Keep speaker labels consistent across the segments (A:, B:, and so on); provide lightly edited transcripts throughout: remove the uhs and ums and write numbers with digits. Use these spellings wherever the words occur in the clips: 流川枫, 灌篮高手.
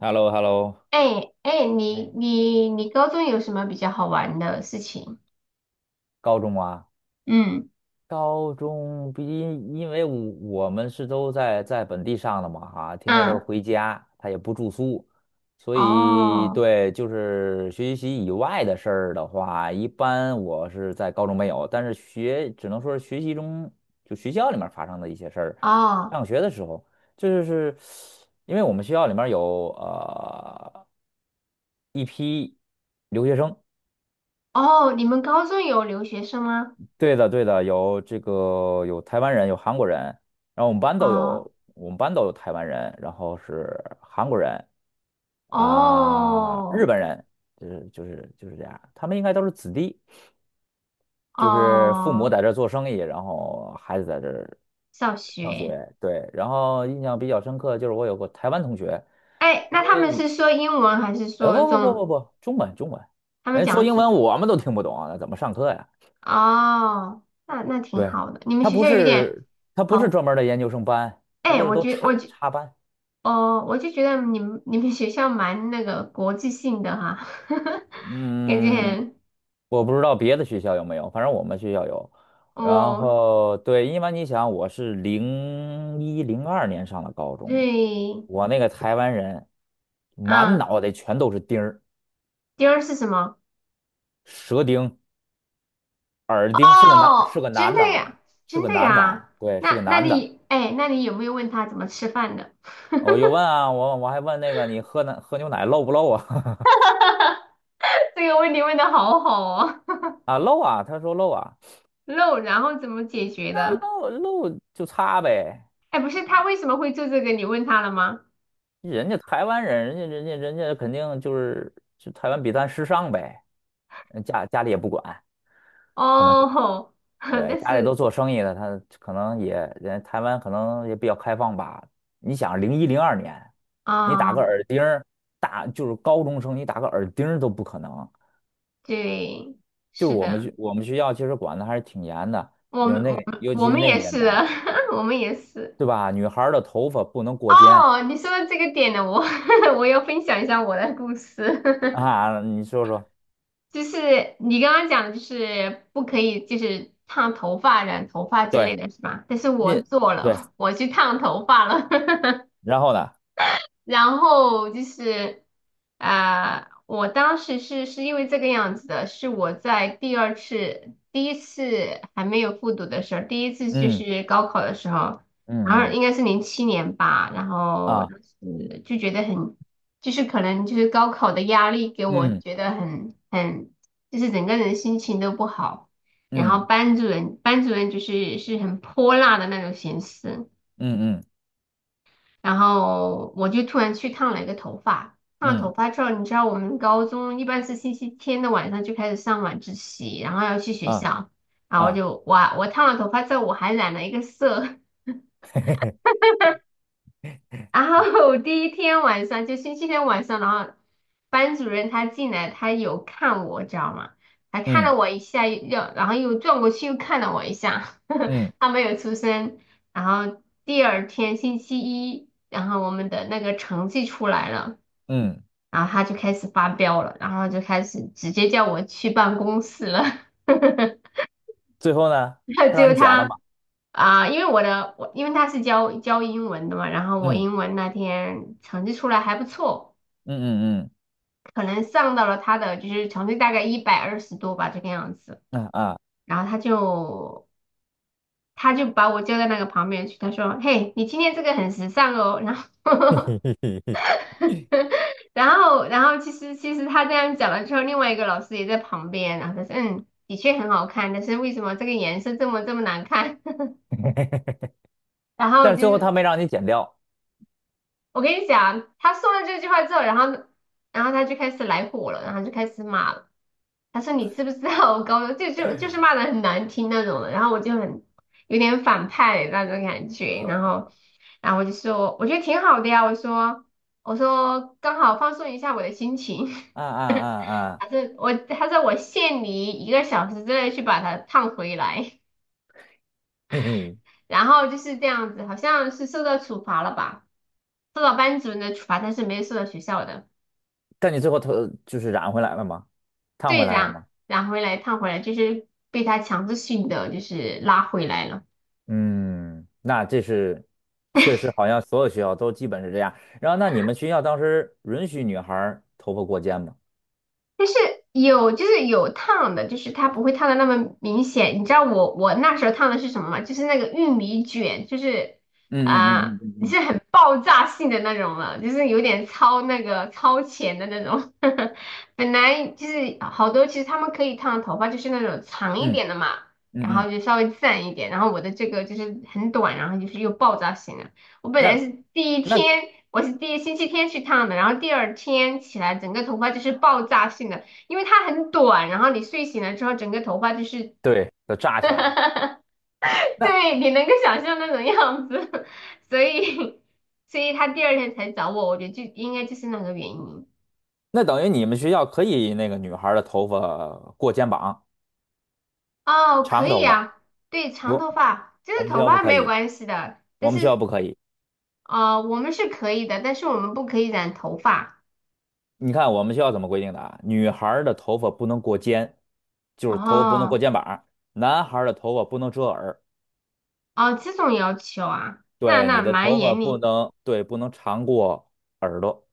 A: h e l l o h e l l o
B: 哎哎，你
A: 哎，
B: 你你高中有什么比较好玩的事情？
A: 高中啊，
B: 嗯，
A: 高中毕竟因为我我们都在本地上的嘛，哈、天天都是
B: 嗯，
A: 回家，他也不住宿，所以
B: 哦
A: 对，就是学习以外的事儿的话，一般我是在高中没有，但是学只能说是学习中就学校里面发生的一些事儿，
B: 哦
A: 上学的时候，这就是因为我们学校里面有一批留学生。
B: 哦，你们高中有留学生吗？
A: 对的，对的，有这个有台湾人，有韩国人，然后我们班都
B: 哦
A: 有，我们班都有台湾人，然后是韩国人啊，日
B: 哦
A: 本人，就是这样，他们应该都是子弟，就是父母
B: 哦，
A: 在这儿做生意，然后孩子在这儿
B: 上
A: 上
B: 学。
A: 学，对，然后印象比较深刻就是我有个台湾同学，
B: 哎，
A: 因
B: 那他
A: 为
B: 们是
A: 你，
B: 说英文还是
A: 哎，
B: 说
A: 不不不不
B: 中？
A: 不，中文中文，
B: 他们
A: 人家说
B: 讲
A: 英
B: 是
A: 文我们都听不懂啊，那怎么上课呀？
B: 哦，那挺
A: 对，
B: 好的。你们
A: 他
B: 学
A: 不
B: 校有点
A: 是他不是
B: 好，
A: 专门儿的研究生班，他
B: 哎，
A: 就是
B: 我
A: 都
B: 觉我
A: 插
B: 觉
A: 插班。
B: 哦，我就觉得你们学校蛮那个国际性的哈，感觉
A: 嗯，
B: 很。
A: 我不知道别的学校有没有，反正我们学校有。然
B: 哦，
A: 后对，因为你想，我是零一零二年上的高中，
B: 对，
A: 我那个台湾人满
B: 嗯，
A: 脑袋全都是钉儿、
B: 第二是什么？
A: 舌钉、耳钉，是个男是
B: 哦，
A: 个
B: 真
A: 男
B: 的
A: 的
B: 呀，
A: 啊，是
B: 真
A: 个
B: 的
A: 男的
B: 呀。
A: 啊，对，是个
B: 那
A: 男的。
B: 你，哎，那你有没有问他怎么吃饭的？
A: 我又 问啊，我还问那个你喝奶喝牛奶漏不漏啊？
B: 这个问题问的好好哦，
A: 啊漏啊，他说漏啊。
B: 肉，然后怎么解决
A: 那
B: 的？
A: 露露就擦呗，
B: 哎，不是他为什么会做这个？你问他了吗？
A: 人家台湾人，人家肯定就是台湾比咱时尚呗，嗯家家里也不管，可能
B: 哦
A: 是
B: 吼
A: 对
B: 但
A: 家里都
B: 是
A: 做生意的，他可能也人台湾可能也比较开放吧。你想零一零二年，你打
B: 啊，
A: 个耳钉儿，大就是高中生，你打个耳钉儿都不可能。
B: 对，
A: 就是
B: 是的，
A: 我们学校其实管的还是挺严的，
B: 我
A: 因为
B: 们
A: 那
B: 我
A: 个
B: 们
A: 尤其
B: 我
A: 是
B: 们
A: 那个
B: 也
A: 年
B: 是
A: 代，
B: 的，我们也是。
A: 对吧？女孩儿的头发不能过肩
B: 哦，你说到这个点呢，我 我要分享一下我的故事。
A: 啊，你说说。
B: 就是你刚刚讲的，就是不可以，就是烫头发、染头发之
A: 对。
B: 类的是吧？但是我
A: 你
B: 做
A: 对，
B: 了，我去烫头发了。
A: 然后呢？
B: 然后就是我当时是因为这个样子的，是我在第二次、第一次还没有复读的时候，第一次就
A: 嗯
B: 是高考的时候，然
A: 嗯
B: 后
A: 嗯
B: 应该是07年吧，然后
A: 啊，
B: 当时就觉得很，就是可能就是高考的压力给我
A: 嗯
B: 觉得很，就是整个人心情都不好，然后
A: 嗯
B: 班主任就是很泼辣的那种形式。
A: 嗯嗯
B: 然后我就突然去烫了一个头发，烫了头
A: 嗯
B: 发之后，你知道我们高中一般是星期天的晚上就开始上晚自习，然后要去学
A: 啊
B: 校，然后我
A: 啊，
B: 就哇，我烫了头发之后我还染了一个色，
A: 嘿嘿嘿，
B: 然后第一天晚上就星期天晚上，然后班主任他进来，他有看我，知道吗？还看了
A: 嗯
B: 我一下，又然后又转过去又看了我一下，
A: 嗯
B: 他没有出声。然后第二天星期一，然后我们的那个成绩出来了。
A: 嗯，
B: 然后他就开始发飙了，然后就开始直接叫我去办公室了。
A: 最后呢，
B: 然后
A: 他
B: 结
A: 让
B: 果
A: 你剪了
B: 他
A: 吗？
B: 因为我因为他是教英文的嘛，然后我
A: 嗯
B: 英文那天成绩出来还不错，
A: 嗯嗯
B: 可能上到了他的就是成绩大概120多吧这个样子。
A: 嗯啊啊，
B: 然后他就把我叫到那个旁边去，他说："嘿，你今天这个很时尚哦。"然后
A: 嘿嘿 嘿嘿，
B: 然后，其实他这样讲了之后，另外一个老师也在旁边，然后他说，嗯，的确很好看，但是为什么这个颜色这么这么难看？然后
A: 但是
B: 就
A: 最后他
B: 是
A: 没让你剪掉，
B: 我跟你讲，他说了这句话之后，然后他就开始来火了，然后就开始骂了。他说你知不知道我高中就是骂的很难听那种的，然后我就很有点反派那种感觉，然后
A: 呃
B: 然后我就说我觉得挺好的呀，我说刚好放松一下我的心情。
A: 啊啊啊啊，
B: 还是我，他说我限你1个小时之内去把它烫回来，
A: 嘿嘿，
B: 然后就是这样子，好像是受到处罚了吧，受到班主任的处罚，但是没有受到学校的。
A: 但你最后头就是染回来了吗？烫回
B: 对，
A: 来了
B: 染
A: 吗？
B: 染回来烫回来，就是被他强制性的就是拉回来了。
A: 嗯，那这是确实好像所有学校都基本是这样。然后那你们学校当时允许女孩儿头发过肩吗？
B: 但是有就是有烫的，就是它不会烫的那么明显。你知道我那时候烫的是什么吗？就是那个玉米卷，就是
A: 嗯
B: 啊，
A: 嗯嗯
B: 你
A: 嗯
B: 是很爆炸性的那种了，就是有点超那个超前的那种。本来就是好多，其实他们可以烫头发，就是那种长一
A: 嗯
B: 点的嘛，然
A: 嗯嗯嗯嗯嗯
B: 后就稍微自然一点。然后我的这个就是很短，然后就是又爆炸型。我本来
A: 那
B: 是第一
A: 那
B: 天，我是第一星期天去烫的，然后第二天起来，整个头发就是爆炸性的，因为它很短，然后你睡醒了之后，整个头发就是，
A: 对，都扎起来了。那
B: 对，你能够想象那种样子，所以，他第二天才找我，我觉得就应该就是那个原因。
A: 那等于你们学校可以那个女孩儿的头发过肩膀，
B: 哦，可
A: 长头
B: 以
A: 发，
B: 啊，对，长
A: 我
B: 头发，就
A: 我
B: 是
A: 们学
B: 头
A: 校不
B: 发
A: 可
B: 没有
A: 以，
B: 关系的，但
A: 我们学校
B: 是，
A: 不可以。
B: 我们是可以的，但是我们不可以染头发。
A: 你看我们学校怎么规定的啊？女孩儿的头发不能过肩，就是头发不能过
B: 哦，
A: 肩膀；男孩儿的头发不能遮耳。
B: 哦，这种要求啊，那
A: 对，
B: 那
A: 你的
B: 蛮
A: 头发
B: 严
A: 不
B: 厉。
A: 能，对，不能长过耳朵，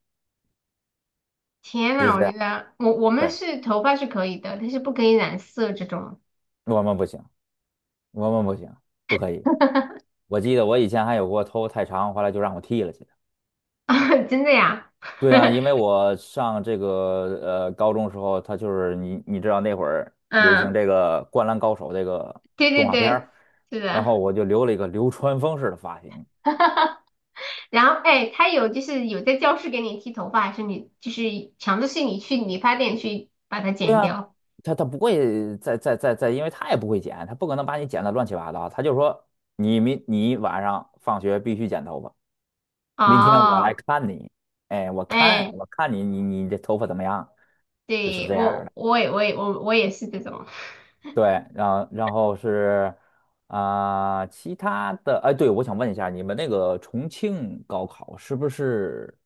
B: 天
A: 就
B: 呐，
A: 是
B: 我
A: 这
B: 觉
A: 样。
B: 得我们
A: 对，
B: 是头发是可以的，但是不可以染色这种。
A: 我们不行，我们不行，不可以。我记得我以前还有过头发太长，后来就让我剃了去的
B: 真的呀？
A: 对啊，因为我上这个高中时候，他就是你你知道那会儿流行
B: 嗯，
A: 这个《灌篮高手》这个
B: 对
A: 动
B: 对
A: 画片儿，
B: 对，是
A: 然后
B: 的。
A: 我就留了一个流川枫式的发型。
B: 然后哎，他有就是有在教室给你剃头发，还是你就是强制性你去理发店去把它
A: 对
B: 剪
A: 啊，
B: 掉？
A: 他他不会再再再再，因为他也不会剪，他不可能把你剪得乱七八糟，他就说你晚上放学必须剪头发，明天我来
B: 哦，
A: 看你，哎，
B: 哎，
A: 我看你这头发怎么样，就是
B: 对
A: 这样。
B: 我
A: 的。
B: 我也我也我我也是这种
A: 对，然后是啊、其他的，哎，对，我想问一下，你们那个重庆高考是不是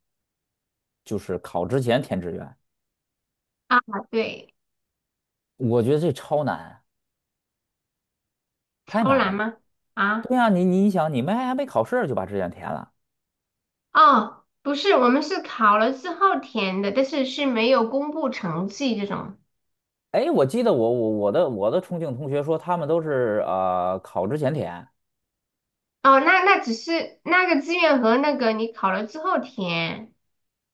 A: 就是考之前填志愿？
B: 啊，对，
A: 我觉得这超难，太
B: 超
A: 难
B: 难
A: 了。
B: 吗？啊，
A: 对呀、你你想，你们还没考试就把志愿填了？
B: 哦，不是，我们是考了之后填的，但是没有公布成绩这种。
A: 哎，我记得我的重庆同学说，他们都是考之前填，
B: 哦，那只是那个志愿和那个你考了之后填，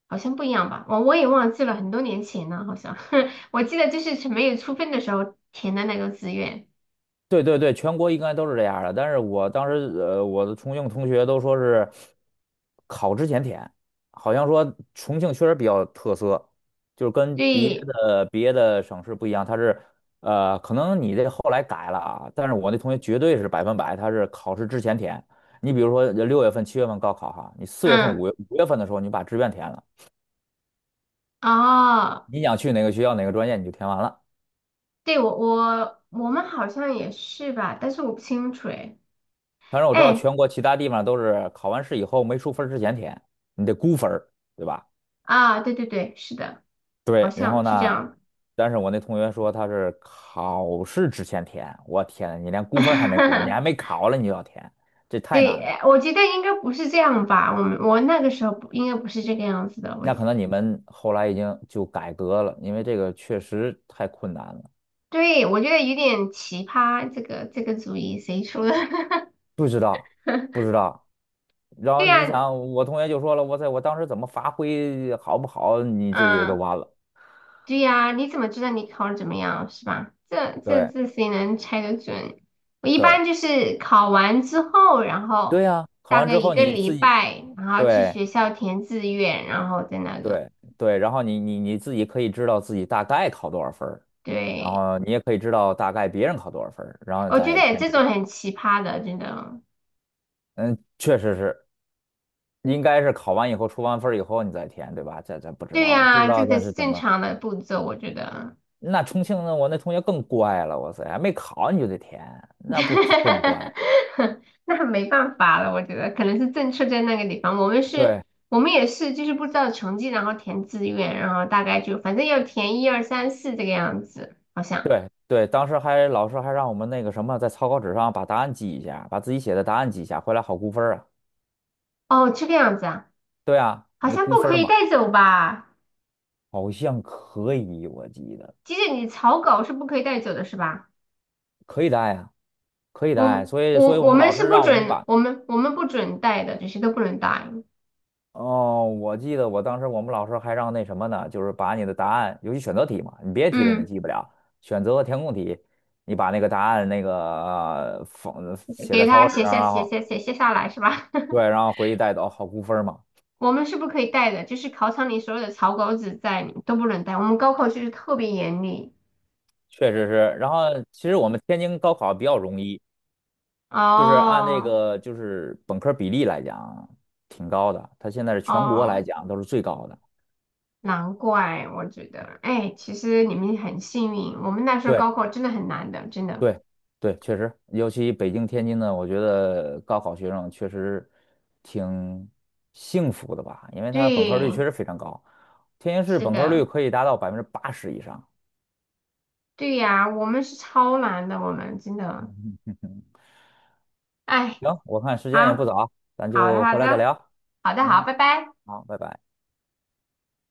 B: 好像不一样吧？我也忘记了，很多年前了，好像 我记得就是没有出分的时候填的那个志愿。
A: 对对对，全国应该都是这样儿的。但是我当时，呃，我的重庆同学都说是考之前填，好像说重庆确实比较特色，就是跟
B: 对，
A: 别的省市不一样，它是可能你这后来改了啊，但是我那同学绝对是百分百，他是考试之前填。你比如说6月份、7月份高考哈，你4月份、
B: 嗯，
A: 5月份的时候你把志愿填了，
B: 哦，
A: 你想去哪个学校、哪个专业你就填完了。
B: 对我们好像也是吧，但是我不清楚哎。
A: 当然我知道
B: 哎
A: 全国其他地方都是考完试以后没出分儿之前填，你得估分儿，对吧？
B: 啊，对对对，是的，好
A: 对，然后
B: 像是这
A: 呢，
B: 样。
A: 但是我那同学说他是考试之前填，我天，你连估分儿还没估，你还 没考了你就要填，这太难
B: 对，
A: 了。
B: 哎我觉得应该不是这样吧？我那个时候不应该不是这个样子的，我
A: 那可能你们后来已经就改革了，因为这个确实太困难了。
B: 对，我觉得有点奇葩，这个主意谁出的？
A: 不知道，不 知道。然
B: 对
A: 后你
B: 呀，
A: 想，我同学就说了，我在我当时怎么发挥好不好，你这也都
B: 嗯，
A: 完了。
B: 对呀，你怎么知道你考的怎么样，是吧？这这
A: 对
B: 这谁能猜得准？我一
A: 对
B: 般就是考完之后，然后
A: 对呀、考
B: 大
A: 完
B: 概
A: 之
B: 一
A: 后
B: 个
A: 你
B: 礼
A: 自己
B: 拜，然后去
A: 对，
B: 学校填志愿，然后再那个。
A: 对对，然后你自己可以知道自己大概考多少分儿，然
B: 对，
A: 后你也可以知道大概别人考多少分儿，然后
B: 我觉
A: 再
B: 得
A: 填
B: 这
A: 志愿。
B: 种很奇葩的，真的。
A: 嗯，确实是，应该是考完以后出完分儿以后你再填，对吧？不知
B: 对
A: 道，不知
B: 呀，这
A: 道
B: 个才
A: 咱是
B: 是
A: 怎
B: 正
A: 么。
B: 常的步骤，我觉得。
A: 那重庆的我那同学更乖了，哇塞，还没考你就得填，那不就更乖？
B: 那没办法了，我觉得可能是政策在那个地方。我们是，
A: 对
B: 我们也是，就是不知道成绩，然后填志愿，然后大概就反正要填一二三四这个样子，好像。
A: 对对，当时还老师还让我们那个什么，在草稿纸上把答案记一下，把自己写的答案记一下，回来好估分儿啊。
B: 哦，这个样子啊，
A: 对啊，
B: 好
A: 那
B: 像
A: 估
B: 不
A: 分
B: 可
A: 儿
B: 以
A: 嘛，
B: 带走吧？
A: 好像可以，我记得。
B: 即使你草稿是不可以带走的，是吧？
A: 可以带呀，可以带。
B: 我
A: 所以，所
B: 我
A: 以我
B: 我
A: 们
B: 们
A: 老
B: 是
A: 师
B: 不
A: 让我们
B: 准，
A: 把，
B: 我们不准带的，这些都不能带。
A: 哦，我记得我当时我们老师还让那什么呢，就是把你的答案，尤其选择题嘛，你别题肯定
B: 嗯，
A: 记不了，选择和填空题，你把那个答案那个放写
B: 给
A: 在草
B: 他
A: 稿纸
B: 写
A: 上，
B: 下
A: 然
B: 写
A: 后
B: 下写下下来是吧？
A: 对，然后回去带走，好估分儿嘛。
B: 我们是不可以带的，就是考场里所有的草稿纸在你都不能带。我们高考就是特别严厉。
A: 确实是，然后其实我们天津高考比较容易，就是按这
B: 哦
A: 个就是本科比例来讲挺高的，它现在是全国来
B: 哦，
A: 讲都是最高的。
B: 难怪我觉得，哎，其实你们很幸运，我们那时候
A: 对。
B: 高考真的很难的，真的。
A: 对，对，确实，尤其北京、天津呢，我觉得高考学生确实挺幸福的吧，因为他本科率确
B: 对，
A: 实非常高，天津市
B: 是
A: 本科率
B: 的，
A: 可以达到80%以上。
B: 对呀，我们是超难的，我们真的，哎，
A: 行，我看时
B: 好
A: 间也不早，咱
B: 好的
A: 就
B: 好
A: 回来再
B: 的
A: 聊。
B: 好的好，
A: 嗯，
B: 拜拜。
A: 好，拜拜。